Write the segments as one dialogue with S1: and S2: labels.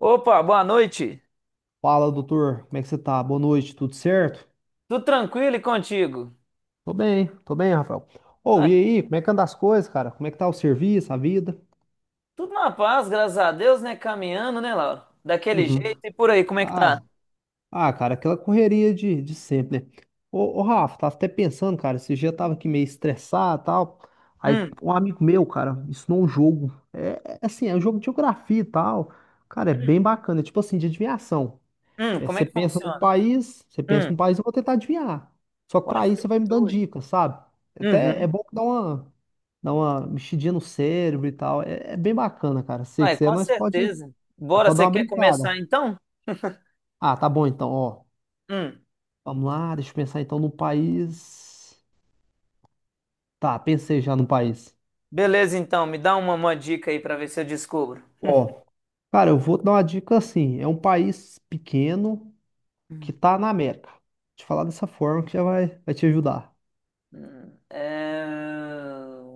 S1: Opa, boa noite.
S2: Fala, doutor, como é que você tá? Boa noite, tudo certo?
S1: Tudo tranquilo e contigo?
S2: Tô bem, Rafael. Ô, e
S1: Ah,
S2: aí, como é que anda as coisas, cara? Como é que tá o serviço, a vida?
S1: tudo na paz, graças a Deus, né? Caminhando, né, Laura? Daquele
S2: Uhum.
S1: jeito e por aí, como é que
S2: Ah,
S1: tá?
S2: ah, cara, aquela correria de sempre, né? Ô, Rafa, tava até pensando, cara, esse dia eu tava aqui meio estressado e tal. Aí
S1: Hum,
S2: um amigo meu, cara, me ensinou um jogo. É assim, é um jogo de geografia e tal. Cara, é
S1: hum,
S2: bem bacana, é tipo assim, de adivinhação. É,
S1: Como é
S2: você
S1: que
S2: pensa num
S1: funciona?
S2: país, você pensa
S1: Hum,
S2: num país, eu vou tentar adivinhar. Só que
S1: Uai,
S2: para isso você vai me
S1: fechou.
S2: dando
S1: Ué.
S2: dicas, sabe? Até é
S1: Uhum.
S2: bom que dá uma mexidinha no cérebro e tal. É bem bacana, cara. Se
S1: Uai,
S2: quiser,
S1: com certeza.
S2: nós
S1: Bora,
S2: pode dar
S1: você
S2: uma
S1: quer começar
S2: brincada.
S1: então?
S2: Ah, tá bom então, ó.
S1: Hum,
S2: Vamos lá, deixa eu pensar então no país. Tá, pensei já no país.
S1: Beleza, então, me dá uma dica aí pra ver se eu descubro.
S2: Ó, cara, eu vou dar uma dica assim. É um país pequeno que
S1: Hum,
S2: tá na América. Vou te falar dessa forma que já vai te ajudar.
S1: É,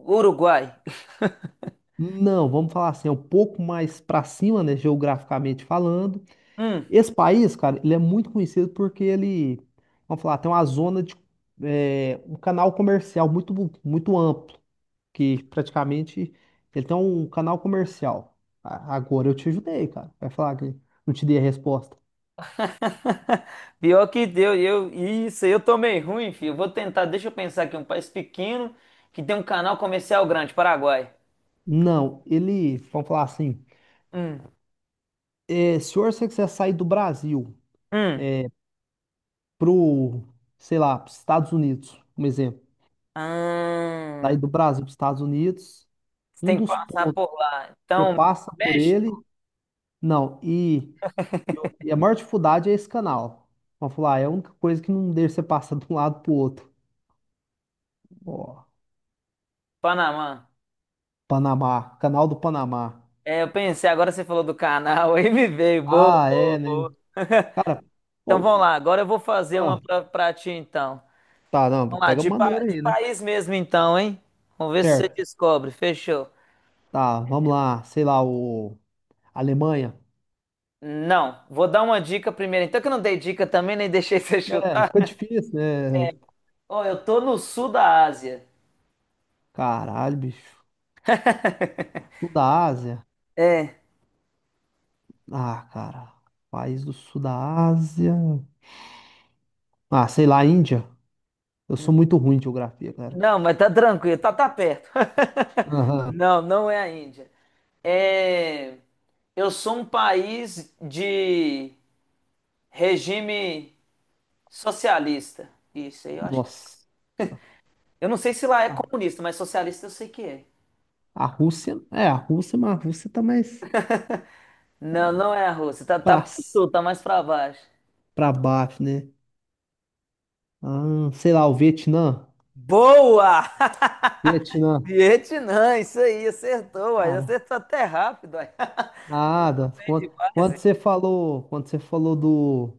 S1: Uruguai.
S2: Não, vamos falar assim, é um pouco mais para cima, né, geograficamente falando.
S1: Hum.
S2: Esse país, cara, ele é muito conhecido porque ele, vamos falar, tem uma zona de é, um canal comercial muito amplo, que praticamente ele tem um canal comercial. Agora eu te ajudei, cara. Vai falar que não te dei a resposta.
S1: Pior que deu, eu, isso, aí eu tô meio ruim, filho. Eu vou tentar, deixa eu pensar aqui, um país pequeno que tem um canal comercial grande, Paraguai.
S2: Não, ele, vamos falar assim,
S1: Hum,
S2: é, se você quiser sair do Brasil
S1: hum.
S2: pro, sei lá, pros Estados Unidos, um exemplo, sair
S1: Ah,
S2: do Brasil para Estados Unidos.
S1: você
S2: Um
S1: tem que
S2: dos
S1: passar
S2: pontos,
S1: por lá.
S2: você
S1: Então,
S2: passa por
S1: México,
S2: ele, não, e, e a maior dificuldade é esse canal. Vamos falar, é a única coisa que não deixa você passar de um lado pro outro. Ó,
S1: Panamá.
S2: Panamá, canal do Panamá.
S1: É, eu pensei, agora você falou do canal, aí me veio. Boa,
S2: Ah,
S1: boa,
S2: é, né?
S1: boa.
S2: Cara,
S1: Então vamos
S2: pô,
S1: lá, agora eu vou fazer uma
S2: ah,
S1: pra ti então.
S2: tá, não,
S1: Vamos lá,
S2: pega
S1: de, pa-
S2: maneira
S1: de
S2: aí, né?
S1: país mesmo então, hein? Vamos ver se você
S2: Certo,
S1: descobre. Fechou.
S2: tá, vamos lá, sei lá, o Alemanha.
S1: Não, vou dar uma dica primeiro. Então, que eu não dei dica também, nem deixei você
S2: É,
S1: chutar.
S2: fica difícil, né?
S1: Ó, eu tô no sul da Ásia.
S2: Caralho, bicho. Sul da Ásia.
S1: É,
S2: Ah, cara, país do Sul da Ásia. Ah, sei lá, Índia. Eu sou muito ruim de geografia, cara.
S1: não, mas tá tranquilo, tá perto.
S2: Aham.
S1: Não, não é a Índia. É, eu sou um país de regime socialista. Isso aí, eu acho.
S2: Nossa.
S1: Eu não sei se lá é
S2: A,
S1: comunista, mas socialista eu sei que é.
S2: a Rússia. É, a Rússia, mas a Rússia tá mais
S1: Não, não é a Rússia. Tá
S2: pra,
S1: pro
S2: s-
S1: sul, tá mais pra baixo.
S2: pra baixo, né? Ah, sei lá, o Vietnã.
S1: Boa!
S2: Vietnã.
S1: Vietnã, isso aí
S2: Cara,
S1: acertou até rápido, aí.
S2: nada.
S1: Bem
S2: Quando,
S1: demais,
S2: quando
S1: hein?
S2: você falou, quando você falou do,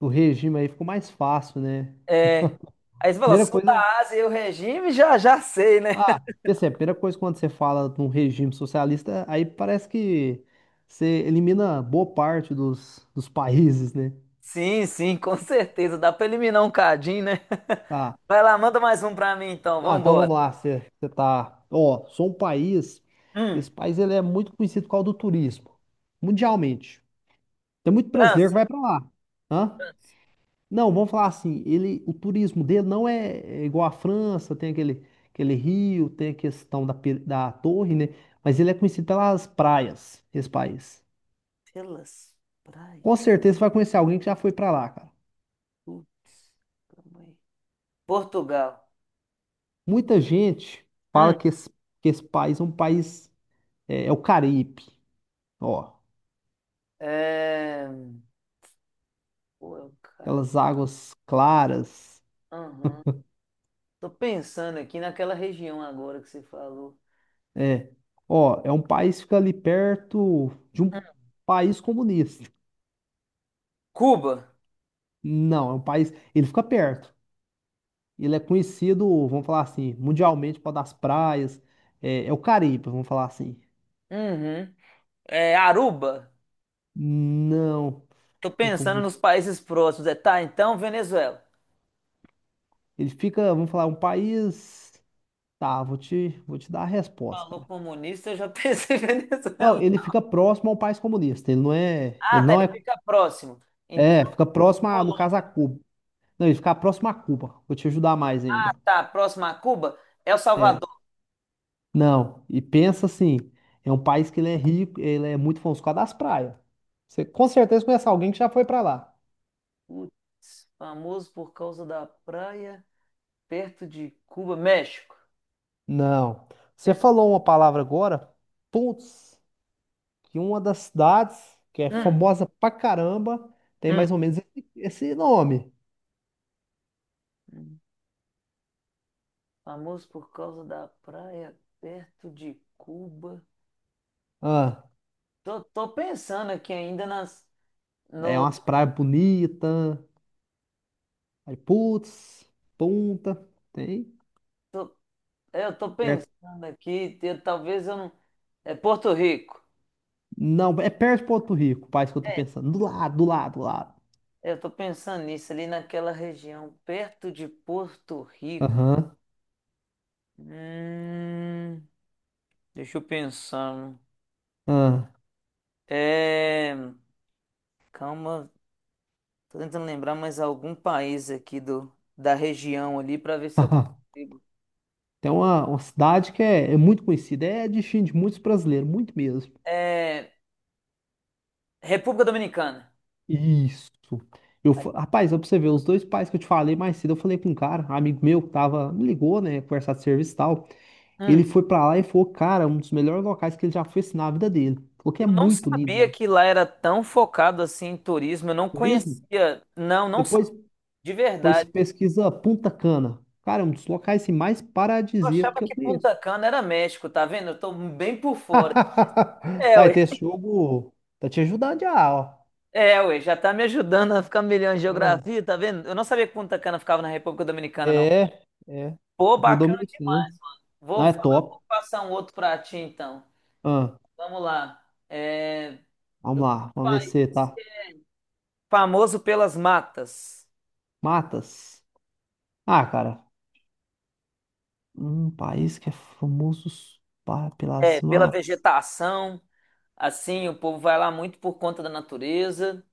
S2: do regime aí, ficou mais fácil, né?
S1: É. Aí você falou,
S2: Primeira
S1: sul
S2: coisa.
S1: da Ásia e o regime, já já sei, né?
S2: Ah, e é a primeira coisa quando você fala de um regime socialista, aí parece que você elimina boa parte dos, dos países, né?
S1: Sim, sim, com certeza, dá pra eliminar um cadinho, né?
S2: Tá.
S1: Vai lá, manda mais um pra mim então,
S2: Não, então
S1: vambora.
S2: vamos lá, você tá, ó, sou um país,
S1: Hum,
S2: esse país ele é muito conhecido por causa do turismo, mundialmente. Tem muito brasileiro que
S1: França,
S2: vai pra lá, hã?
S1: França.
S2: Não, vamos falar assim, ele, o turismo dele não é, é igual à França, tem aquele, aquele rio, tem a questão da, da torre, né? Mas ele é conhecido pelas praias, esse país.
S1: Pelas
S2: Com
S1: praias,
S2: certeza você vai conhecer alguém que já foi pra lá, cara.
S1: putz, também. Portugal.
S2: Muita gente fala
S1: Hum,
S2: que esse país é um país, é o Caribe, ó.
S1: é... Pô, eu, cara,
S2: Aquelas águas claras.
S1: aham. Tô pensando aqui naquela região agora que você falou.
S2: É. Ó, é um país que fica ali perto de
S1: Hum.
S2: um país comunista.
S1: Cuba.
S2: Não, é um país. Ele fica perto. Ele é conhecido, vamos falar assim, mundialmente por causa das praias. É, é o Caribe, vamos falar assim.
S1: Uhum. É, Aruba.
S2: Não. Como
S1: Tô
S2: é que eu
S1: pensando
S2: vou-
S1: nos países próximos. É, tá, então Venezuela.
S2: Ele fica, vamos falar, um país. Tá, vou te dar a resposta,
S1: Falou
S2: cara.
S1: comunista, eu já pensei em
S2: Não,
S1: Venezuela.
S2: ele fica próximo ao país comunista. Ele não é.
S1: Ah,
S2: Ele
S1: tá,
S2: não
S1: ele
S2: é.
S1: fica próximo. Então
S2: É, fica próximo, a, no caso, a
S1: Colômbia.
S2: Cuba. Não, ele fica próximo a Cuba. Vou te ajudar mais ainda.
S1: Ah, tá, próximo a Cuba, El
S2: É,
S1: Salvador.
S2: não, e pensa assim, é um país que ele é rico, ele é muito famoso por causa das praias. Você com certeza conhece alguém que já foi pra lá.
S1: Putz, famoso por causa da praia, perto de Cuba, México.
S2: Não. Você
S1: Pensa.
S2: falou uma palavra agora, putz, que uma das cidades que é
S1: Hum,
S2: famosa pra caramba tem
S1: hum.
S2: mais ou menos esse, esse nome.
S1: hum. Famoso por causa da praia, perto de Cuba.
S2: Ah,
S1: Tô pensando aqui ainda nas,
S2: é
S1: no,
S2: umas praias bonitas, aí putz, Punta, tem?
S1: tô, É, eu tô
S2: Perto.
S1: pensando aqui, talvez eu não. É Porto Rico.
S2: Não, é perto de Porto Rico, o país que eu tô
S1: É.
S2: pensando. Do lado, do lado, do lado.
S1: Eu tô pensando nisso, ali naquela região, perto de Porto Rico.
S2: Aham.
S1: Hum, Deixa eu pensar.
S2: Ah.
S1: É, calma, tô tentando lembrar mais algum país aqui da região ali para ver se eu consigo.
S2: Tem uma cidade que é, é muito conhecida, é destino de muitos brasileiros, muito mesmo.
S1: É, República Dominicana.
S2: Isso. Eu, rapaz, ó, pra você ver, os dois pais que eu te falei mais cedo, eu falei com um cara, um amigo meu, que tava, me ligou, né, conversar de serviço e tal. Ele
S1: Hum,
S2: foi pra lá e falou, cara, um dos melhores locais que ele já foi assim, na vida dele. Falou que é
S1: eu não
S2: muito lindo
S1: sabia
S2: lá.
S1: que lá era tão focado assim em turismo. Eu não
S2: Turismo?
S1: conhecia. Não, não
S2: Depois,
S1: sabia. De
S2: depois você
S1: verdade.
S2: pesquisa Punta Cana. Cara, é um dos locais assim, mais
S1: Eu
S2: paradisíacos
S1: achava
S2: que eu
S1: que
S2: conheço.
S1: Punta Cana era México, tá vendo? Eu tô bem por fora. É,
S2: Aí,
S1: ué.
S2: tem esse jogo, tá te ajudando já,
S1: É, ué, já tá me ajudando a ficar melhor em
S2: ó.
S1: geografia, tá vendo? Eu não sabia que Punta Cana ficava na República Dominicana, não.
S2: É, é.
S1: Pô,
S2: Tipo o
S1: bacana
S2: dominicano.
S1: demais, mano. Vou
S2: Não, é
S1: falar, vou
S2: top.
S1: passar um outro pra ti, então.
S2: Ah,
S1: Vamos lá. É,
S2: vamos lá, vamos ver
S1: país
S2: se tá.
S1: que é famoso pelas matas.
S2: Matas. Ah, cara, um país que é famoso pelas
S1: É, pela
S2: matas.
S1: vegetação, assim, o povo vai lá muito por conta da natureza.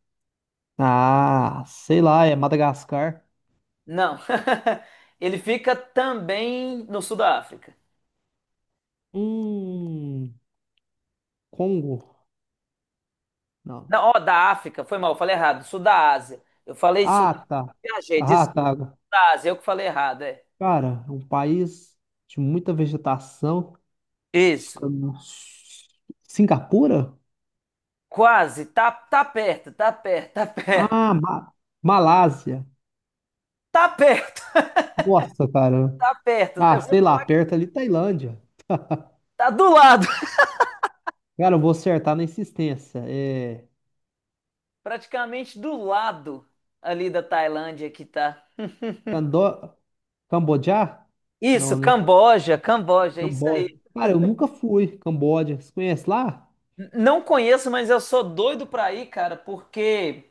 S2: Ah, sei lá, é Madagascar.
S1: Não. Ele fica também no sul da África.
S2: Hum, Congo? Não.
S1: Não, ó, da África, foi mal, eu falei errado, sul da Ásia. Eu falei sul
S2: Ah,
S1: da
S2: tá.
S1: viajei,
S2: Ah,
S1: desculpa,
S2: tá.
S1: sul da Ásia, eu que falei errado, é.
S2: Cara, é um país de muita vegetação. Fica
S1: Isso,
S2: no... Singapura?
S1: quase, tá perto, tá perto, tá perto,
S2: Ah, Malásia.
S1: tá perto,
S2: Nossa, cara.
S1: tá perto.
S2: Ah,
S1: Eu vou
S2: sei lá,
S1: falar que
S2: perto ali Tailândia.
S1: tá do lado,
S2: Cara, eu vou acertar na insistência. É...
S1: praticamente do lado ali da Tailândia que tá.
S2: Cando... Cambodja?
S1: Isso,
S2: Não, né?
S1: Camboja, Camboja, é isso aí.
S2: Camboja. Cara, eu nunca fui. Camboja. Você conhece lá?
S1: Não conheço, mas eu sou doido pra ir, cara, porque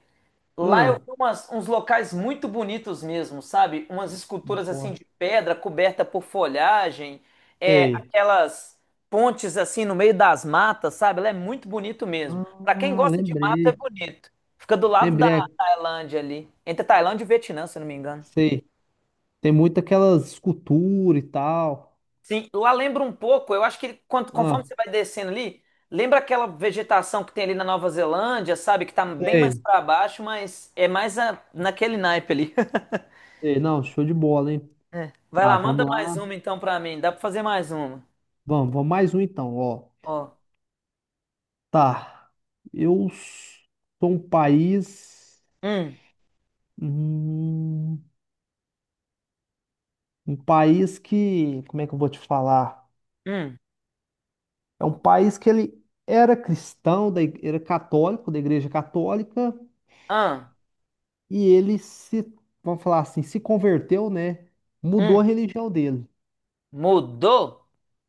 S1: lá eu
S2: Ah,
S1: vi uns locais muito bonitos mesmo, sabe? Umas esculturas assim
S2: porra.
S1: de pedra coberta por folhagem, é,
S2: Sei.
S1: aquelas pontes assim no meio das matas, sabe? Lá é muito bonito mesmo. Pra quem
S2: Ah,
S1: gosta de mata, é
S2: lembrei.
S1: bonito. Fica do lado da
S2: Lembrei.
S1: Tailândia ali, entre Tailândia e Vietnã, se eu não me engano.
S2: Sei. Tem muito aquelas esculturas e tal.
S1: Sim, lá lembra um pouco, eu acho que quando conforme
S2: Ah,
S1: você vai descendo ali, lembra aquela vegetação que tem ali na Nova Zelândia, sabe? Que tá bem mais
S2: sei.
S1: pra baixo, mas é mais naquele naipe ali.
S2: Sei. Não, show de bola, hein?
S1: É. Vai
S2: Tá,
S1: lá, manda
S2: vamos
S1: mais
S2: lá.
S1: uma então pra mim. Dá pra fazer mais uma.
S2: Vamos, vamos mais um então, ó.
S1: Ó.
S2: Tá. Eu sou um país.
S1: Hum,
S2: Hum, Um país que, como é que eu vou te falar?
S1: hum,
S2: É um país que ele era cristão, da, era católico, da Igreja Católica,
S1: ah,
S2: e ele se, vamos falar assim, se converteu, né? Mudou a
S1: hum.
S2: religião dele.
S1: Mudou?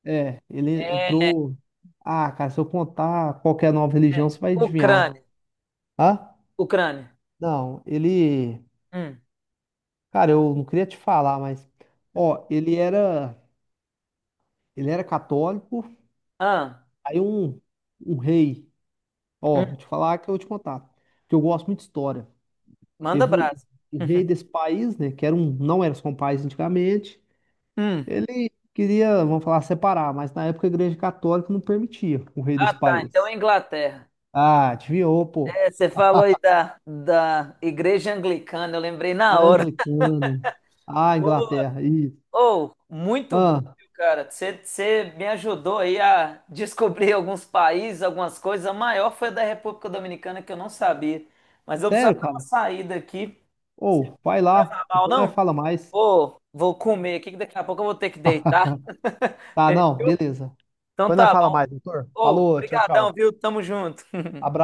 S2: É, ele
S1: É.
S2: entrou. Ah, cara, se eu contar qualquer nova religião, você vai adivinhar.
S1: Ucrânia.
S2: Hã?
S1: Ucrânia.
S2: Não, ele.
S1: Hum,
S2: Cara, eu não queria te falar, mas. Ó, ele era. Ele era católico.
S1: ah,
S2: Aí um rei. Ó,
S1: hum.
S2: vou te falar que eu vou te contar. Que eu gosto muito de história.
S1: Manda
S2: Teve
S1: brasa.
S2: o rei desse país, né? Que era um, não era só um país antigamente.
S1: Hum.
S2: Ele queria, vamos falar, separar, mas na época a Igreja Católica não permitia o rei
S1: Ah,
S2: desse
S1: tá. Então é
S2: país.
S1: Inglaterra.
S2: Ah, desviou, pô.
S1: É, você falou aí da Igreja Anglicana. Eu lembrei na hora.
S2: Anglicana. Ah, Inglaterra. Isso.
S1: Oh, muito bom,
S2: Ah,
S1: viu, cara. Você me ajudou aí a descobrir alguns países, algumas coisas. A maior foi a da República Dominicana que eu não sabia. Mas eu precisava
S2: sério,
S1: dar uma
S2: cara?
S1: saída aqui.
S2: Ou, vai
S1: Não leva
S2: lá.
S1: mal,
S2: Depois nós
S1: não?
S2: fala mais.
S1: Ô, vou comer aqui que daqui a pouco eu vou ter que deitar.
S2: Tá, não, beleza.
S1: Então
S2: Depois nós
S1: tá
S2: fala
S1: bom.
S2: mais, doutor.
S1: Ô,
S2: Falou, tchau,
S1: brigadão,
S2: tchau.
S1: viu? Tamo junto.
S2: Abraço.